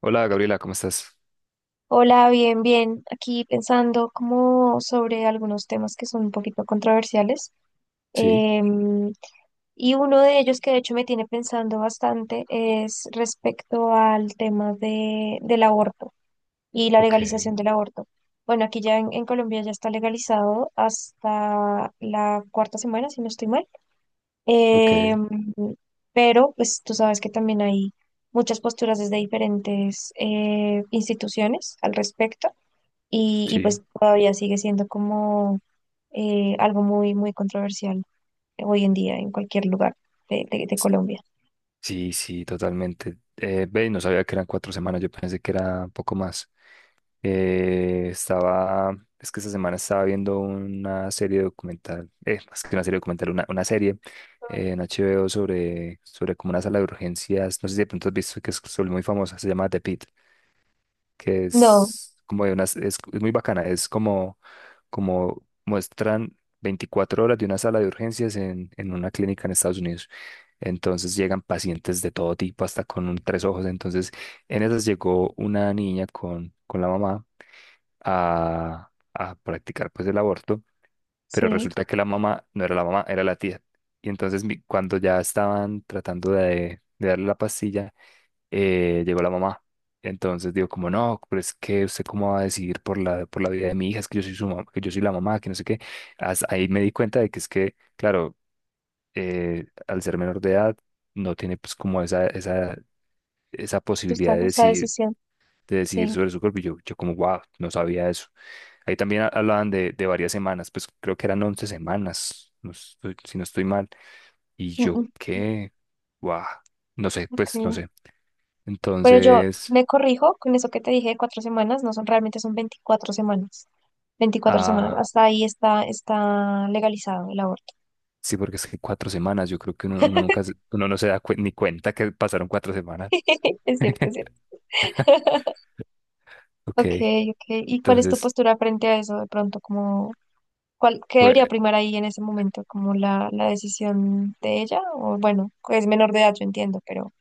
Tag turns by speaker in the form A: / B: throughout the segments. A: Hola Gabriela, ¿cómo estás?
B: Hola, bien, bien. Aquí pensando como sobre algunos temas que son un poquito controversiales.
A: Sí,
B: Em, y uno de ellos que de hecho me tiene pensando bastante es respecto al tema del aborto y la
A: ok,
B: legalización del aborto. Bueno, aquí ya en Colombia ya está legalizado hasta la cuarta semana, si no estoy mal.
A: ok,
B: Em, pero pues tú sabes que también hay muchas posturas desde diferentes instituciones al respecto y
A: sí,
B: pues todavía sigue siendo como algo muy, muy controversial hoy en día en cualquier lugar de Colombia.
A: sí, sí, totalmente. Ve, no sabía que eran cuatro semanas, yo pensé que era un poco más. Eh, estaba, es que esta semana estaba viendo una serie documental, más que una serie documental, una serie en HBO sobre, sobre como una sala de urgencias, no sé si de pronto has visto que es sobre muy famosa, se llama The Pit. Que
B: No,
A: es como de unas, es muy bacana, es como, como muestran 24 horas de una sala de urgencias en una clínica en Estados Unidos. Entonces llegan pacientes de todo tipo, hasta con un tres ojos. Entonces, en esas llegó una niña con la mamá a practicar pues el aborto, pero
B: sí,
A: resulta que la mamá no era la mamá, era la tía. Y entonces cuando ya estaban tratando de darle la pastilla, llegó la mamá. Entonces digo, como no, pero es que usted cómo va a decidir por la vida de mi hija, es que yo soy su mamá, que yo soy la mamá, que no sé qué. Ahí me di cuenta de que es que, claro, al ser menor de edad, no tiene pues como esa posibilidad
B: está esa decisión,
A: de decidir
B: sí.
A: sobre su cuerpo. Y yo como, wow, no sabía eso. Ahí también hablaban de varias semanas, pues creo que eran 11 semanas, si no estoy mal. Y
B: Mm,
A: yo,
B: mm,
A: ¿qué? Guau, no sé, pues no
B: ok.
A: sé.
B: Pero yo
A: Entonces,
B: me corrijo con eso que te dije de 4 semanas, no son realmente son 24 semanas. 24 semanas,
A: ah,
B: hasta ahí está legalizado el aborto.
A: sí, porque es que cuatro semanas, yo creo que uno, uno nunca, uno no se da ni cuenta que pasaron cuatro semanas.
B: Es cierto, es cierto. Ok,
A: Ok,
B: ok. ¿Y cuál es tu
A: entonces,
B: postura frente a eso de pronto? Como, ¿cuál, qué
A: pues,
B: debería primar ahí en ese momento? ¿Como la decisión de ella? O bueno, es menor de edad, yo entiendo, pero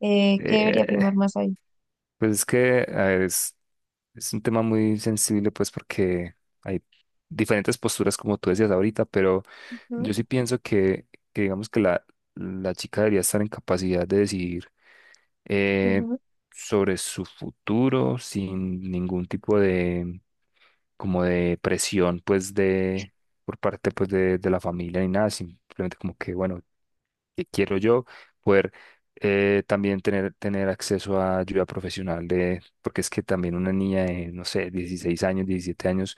B: ¿qué debería primar
A: eh,
B: más ahí?
A: pues es que a ver, es un tema muy sensible, pues porque hay diferentes posturas, como tú decías ahorita, pero
B: Ujú,
A: yo sí pienso que digamos que la chica debería estar en capacidad de decidir eh,
B: ujú,
A: sobre su futuro sin ningún tipo de como de presión pues de por parte pues de la familia ni nada, simplemente como que bueno, que quiero yo poder también tener, tener acceso a ayuda profesional de, porque es que también una niña de, no sé, 16 años, 17 años,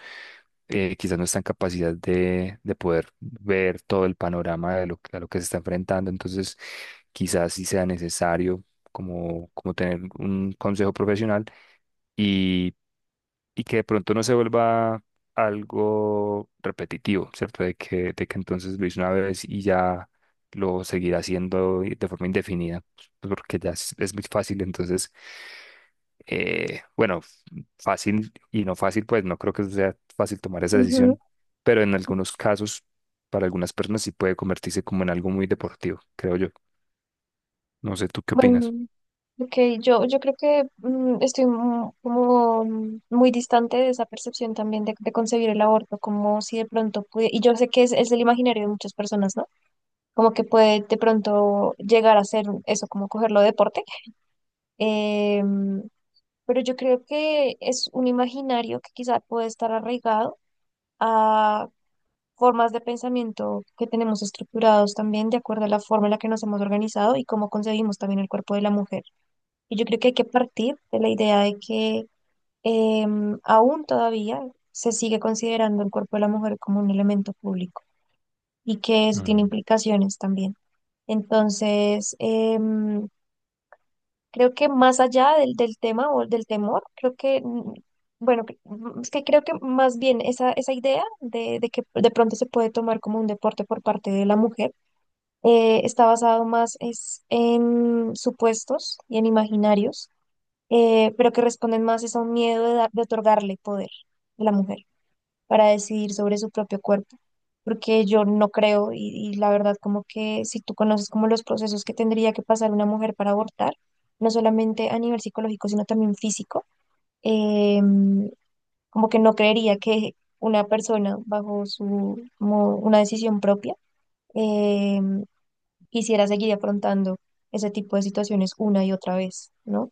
A: quizás no está en capacidad de poder ver todo el panorama de lo, a lo que se está enfrentando, entonces quizás sí sea necesario como, como tener un consejo profesional y que de pronto no se vuelva algo repetitivo, ¿cierto? De que entonces lo hice una vez y ya lo seguirá haciendo de forma indefinida, pues, porque ya es muy fácil, entonces, bueno, fácil y no fácil, pues no creo que sea fácil tomar esa
B: ujú.
A: decisión, pero en algunos casos, para algunas personas sí puede convertirse como en algo muy deportivo, creo yo. No sé, ¿tú qué
B: Bueno,
A: opinas?
B: ok, yo creo que estoy como muy distante de esa percepción también de concebir el aborto, como si de pronto pude, y yo sé que es el imaginario de muchas personas, ¿no? Como que puede de pronto llegar a ser eso, como cogerlo de deporte. em, pero yo creo que es un imaginario que quizá puede estar arraigado a formas de pensamiento que tenemos estructurados también de acuerdo a la forma en la que nos hemos organizado y cómo concebimos también el cuerpo de la mujer. Y yo creo que hay que partir de la idea de que aún todavía se sigue considerando el cuerpo de la mujer como un elemento público y que eso tiene
A: Mm,
B: implicaciones también. Entonces, creo que más allá del tema o del temor, creo que, bueno, es que creo que más bien esa idea de que de pronto se puede tomar como un deporte por parte de la mujer, está basado más es en supuestos y en imaginarios, pero que responden más es a un miedo de otorgarle poder a la mujer para decidir sobre su propio cuerpo, porque yo no creo y la verdad como que si tú conoces como los procesos que tendría que pasar una mujer para abortar, no solamente a nivel psicológico, sino también físico, eh, como que no creería que una persona bajo su, como una decisión propia, eh, quisiera seguir afrontando ese tipo de situaciones una y otra vez, ¿no?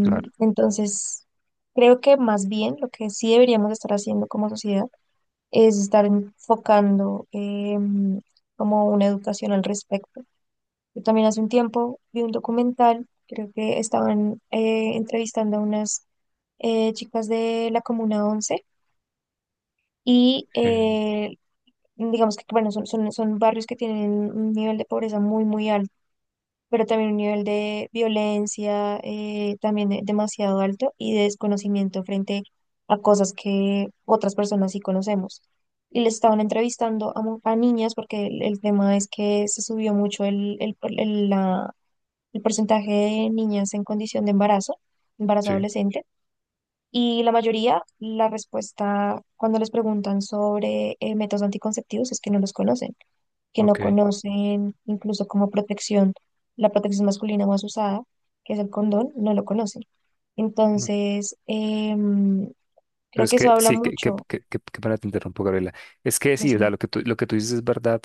A: claro,
B: entonces, creo que más bien lo que sí deberíamos estar haciendo como sociedad es estar enfocando como una educación al respecto. Yo también hace un tiempo vi un documental, creo que estaban entrevistando a unas chicas de la Comuna 11 y
A: eh,
B: digamos que bueno, son barrios que tienen un nivel de pobreza muy, muy alto, pero también un nivel de violencia también demasiado alto y de desconocimiento frente a cosas que otras personas sí conocemos. Y le estaban entrevistando a niñas porque el tema es que se subió mucho el porcentaje de niñas en condición de embarazo, embarazo
A: sí,
B: adolescente. Y la mayoría, la respuesta cuando les preguntan sobre métodos anticonceptivos es que no los conocen, que no
A: ok.
B: conocen incluso como protección, la protección masculina más usada, que es el condón, no lo conocen. Entonces, em,
A: Pero
B: creo
A: es
B: que eso
A: que
B: habla
A: sí, que, que,
B: mucho,
A: que, que, que para te interrumpo, Gabriela. Es que
B: no
A: sí, o sea,
B: sé,
A: lo que tú dices es verdad,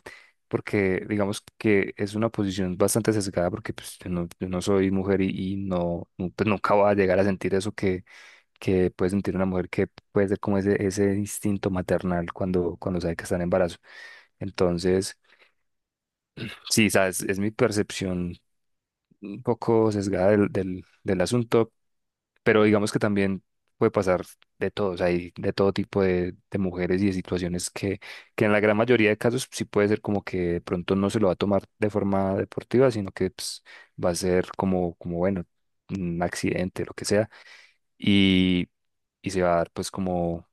A: porque digamos que es una posición bastante sesgada, porque pues, yo no, yo no soy mujer y no, pues, nunca voy a llegar a sentir eso que puede sentir una mujer que puede ser como ese instinto maternal cuando, cuando sabe que está en embarazo. Entonces, sí, sabes, es mi percepción un poco sesgada del, del, del asunto, pero digamos que también puede pasar de todos o hay de todo tipo de mujeres y de situaciones que en la gran mayoría de casos sí puede ser como que de pronto no se lo va a tomar de forma deportiva, sino que pues, va a ser como, como, bueno, un accidente, lo que sea, y, y se va a dar pues como,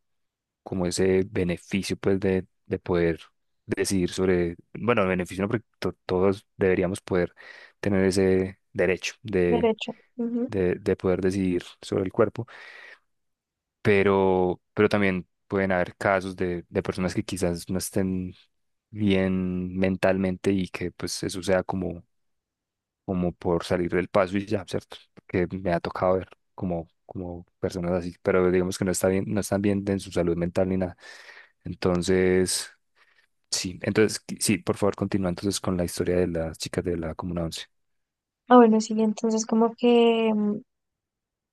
A: como ese beneficio pues de poder decidir sobre, bueno, el beneficio no, porque todos deberíamos poder tener ese derecho
B: derecho. Ujú.
A: de poder decidir sobre el cuerpo pero también pueden haber casos de personas que quizás no estén bien mentalmente y que pues eso sea como, como por salir del paso y ya, ¿cierto? Que me ha tocado ver como, como personas así, pero digamos que no está bien, no están bien en su salud mental ni nada. Entonces, sí, entonces sí, por favor, continúa entonces con la historia de las chicas de la Comuna once.
B: Ah, bueno, sí, entonces como que em,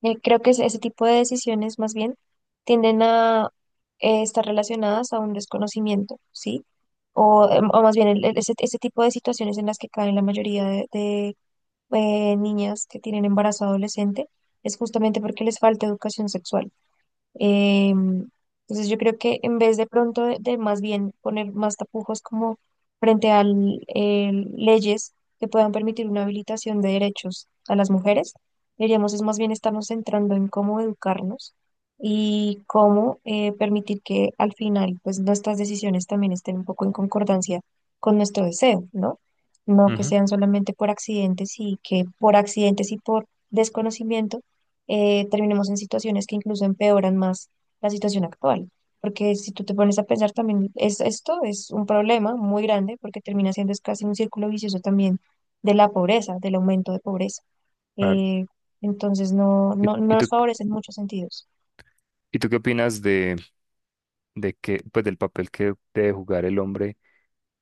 B: eh, creo que ese tipo de decisiones más bien tienden a estar relacionadas a un desconocimiento, ¿sí? O más bien ese tipo de situaciones en las que caen la mayoría de niñas que tienen embarazo adolescente es justamente porque les falta educación sexual. Em, entonces yo creo que en vez de pronto de más bien poner más tapujos como frente a leyes que puedan permitir una habilitación de derechos a las mujeres, deberíamos es más bien estarnos centrando en cómo educarnos y cómo permitir que al final pues nuestras decisiones también estén un poco en concordancia con nuestro deseo, ¿no? No que
A: Ujú.
B: sean solamente por accidentes y que por accidentes y por desconocimiento terminemos en situaciones que incluso empeoran más la situación actual. Porque si tú te pones a pensar también, es, esto es un problema muy grande porque termina siendo es casi un círculo vicioso también de la pobreza, del aumento de pobreza.
A: Claro.
B: Eh, entonces no,
A: ¿Y,
B: no, no
A: y
B: nos
A: tú,
B: favorece en muchos sentidos.
A: y tú qué opinas de que, pues del papel que debe jugar el hombre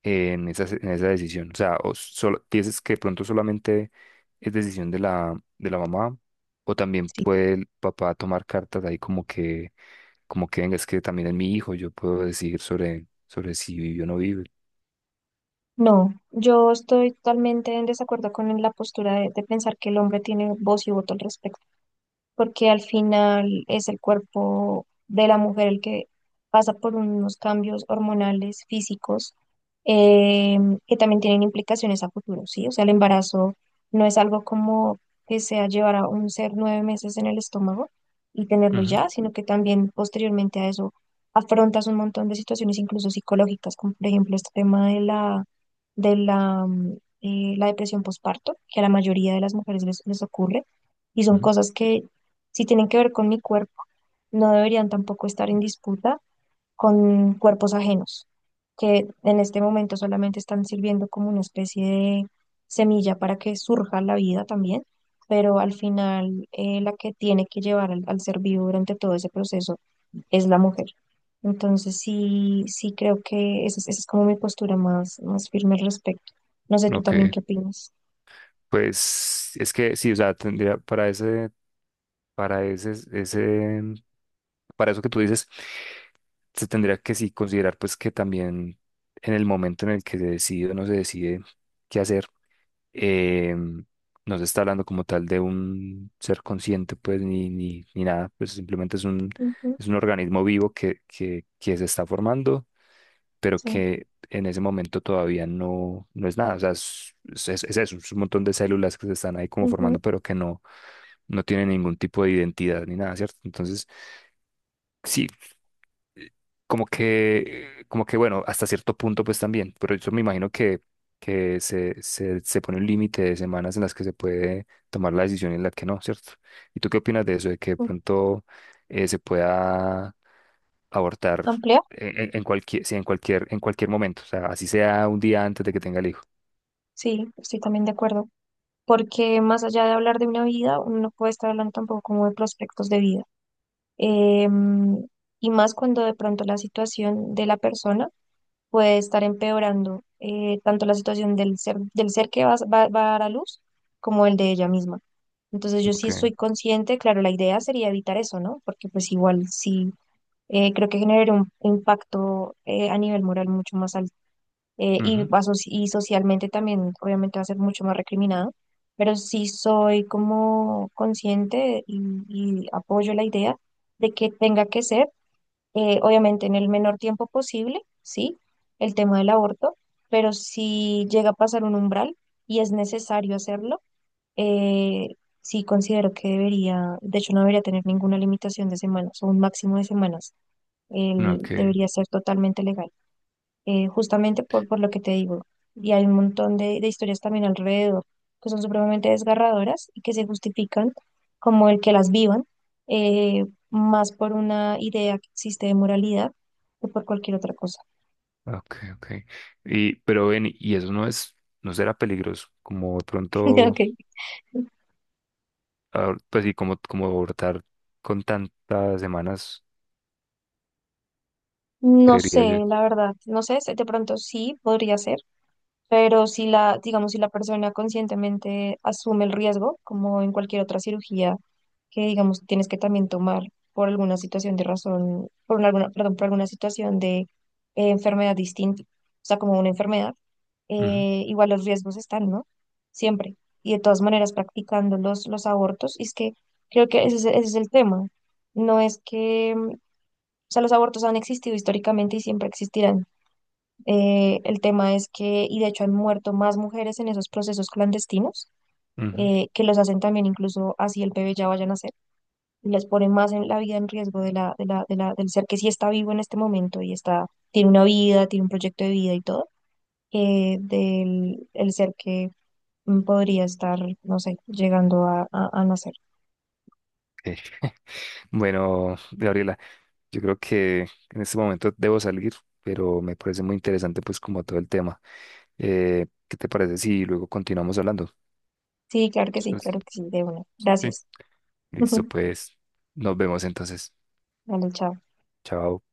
A: en esa decisión? O sea, o solo, piensas que de pronto solamente es decisión de la mamá, o también
B: Sí.
A: puede el papá tomar cartas ahí como que venga, es que también es mi hijo, yo puedo decidir sobre, sobre si vive o no vive.
B: No, yo estoy totalmente en desacuerdo con la postura de pensar que el hombre tiene voz y voto al respecto. Porque al final es el cuerpo de la mujer el que pasa por unos cambios hormonales, físicos, eh, que también tienen implicaciones a futuro, ¿sí? O sea, el embarazo no es algo como que sea llevar a un ser 9 meses en el estómago y tenerlo
A: Ujú,
B: ya, sino que también posteriormente a eso afrontas un montón de situaciones incluso psicológicas, como por ejemplo este tema la depresión postparto, que a la mayoría de las mujeres les ocurre, y son
A: ujú.
B: cosas que, si tienen que ver con mi cuerpo, no deberían tampoco estar en disputa con cuerpos ajenos, que en este momento solamente están sirviendo como una especie de semilla para que surja la vida también, pero al final la que tiene que llevar al, al ser vivo durante todo ese proceso es la mujer. Entonces sí, sí creo que esa es como mi postura más, más firme al respecto. No sé, tú
A: Ok,
B: también qué opinas.
A: pues es que sí, o sea, tendría para ese, ese, para eso que tú dices, se tendría que sí considerar pues que también en el momento en el que se decide o no se decide qué hacer, eh, no se está hablando como tal de un ser consciente, pues, ni nada, pues simplemente
B: Ujú,
A: es un organismo vivo que se está formando, pero
B: sí.
A: que en ese momento todavía no, no es nada, o sea, es eso, es un montón de células que se están ahí como formando,
B: Ujú,
A: pero que no, no tienen ningún tipo de identidad ni nada, ¿cierto? Entonces, sí, como que bueno, hasta cierto punto pues también, pero yo me imagino que se pone un límite de semanas en las que se puede tomar la decisión y en la que no, ¿cierto? ¿Y tú qué opinas de eso, de que de
B: ujú.
A: pronto se pueda abortar
B: ¿Amplia?
A: en, en cualquier, sí, en cualquier momento, o sea, así sea un día antes de que tenga el hijo?
B: Sí, estoy también de acuerdo. Porque más allá de hablar de una vida, uno no puede estar hablando tampoco como de prospectos de vida. Em, y más cuando de pronto la situación de la persona puede estar empeorando tanto la situación del ser que va, va a dar a luz como el de ella misma. Entonces yo sí
A: Okay.
B: estoy consciente, claro, la idea sería evitar eso, ¿no? Porque pues igual sí creo que generaría un impacto a nivel moral mucho más alto eh, y,
A: Ujú,
B: aso- y socialmente también obviamente va a ser mucho más recriminado, pero sí soy como consciente y apoyo la idea de que tenga que ser, obviamente en el menor tiempo posible, ¿sí? El tema del aborto, pero si llega a pasar un umbral y es necesario hacerlo, eh, sí considero que debería, de hecho no debería tener ninguna limitación de semanas o un máximo de semanas,
A: okay.
B: debería ser totalmente legal justamente por lo que te digo. Y hay un montón de historias también alrededor que son supremamente desgarradoras y que se justifican como el que las vivan, más por una idea que existe de moralidad que por cualquier otra cosa.
A: Okay, okay. Y pero ven, y eso no es, no será peligroso, como de pronto
B: Ok.
A: pues sí, como, como abortar con tantas semanas,
B: No sé,
A: creería yo.
B: la verdad, no sé, de pronto sí podría ser. Pero si la, digamos, si la persona conscientemente asume el riesgo, como en cualquier otra cirugía, que digamos tienes que también tomar por alguna situación de razón, alguna, perdón, por alguna situación de enfermedad distinta, o sea, como una enfermedad,
A: Ujú,
B: igual los riesgos están, ¿no? Siempre. Y de todas maneras practicando los abortos, y es que creo que ese es el tema. No es que, o sea, los abortos han existido históricamente y siempre existirán. El tema es que, y de hecho han muerto más mujeres en esos procesos clandestinos,
A: ujú.
B: que los hacen también incluso así el bebé ya vaya a nacer, y les pone más en la vida en riesgo del ser que sí está vivo en este momento y tiene una vida, tiene un proyecto de vida y todo, del el ser que podría estar, no sé, llegando a nacer.
A: Ok. Bueno, Gabriela, yo creo que en este momento debo salir, pero me parece muy interesante pues como todo el tema. ¿Qué te parece si luego continuamos hablando?
B: Sí, claro que sí,
A: Entonces,
B: claro que sí, de una.
A: sí.
B: Gracias.
A: Listo, pues nos vemos entonces.
B: Vale, chao.
A: Chao.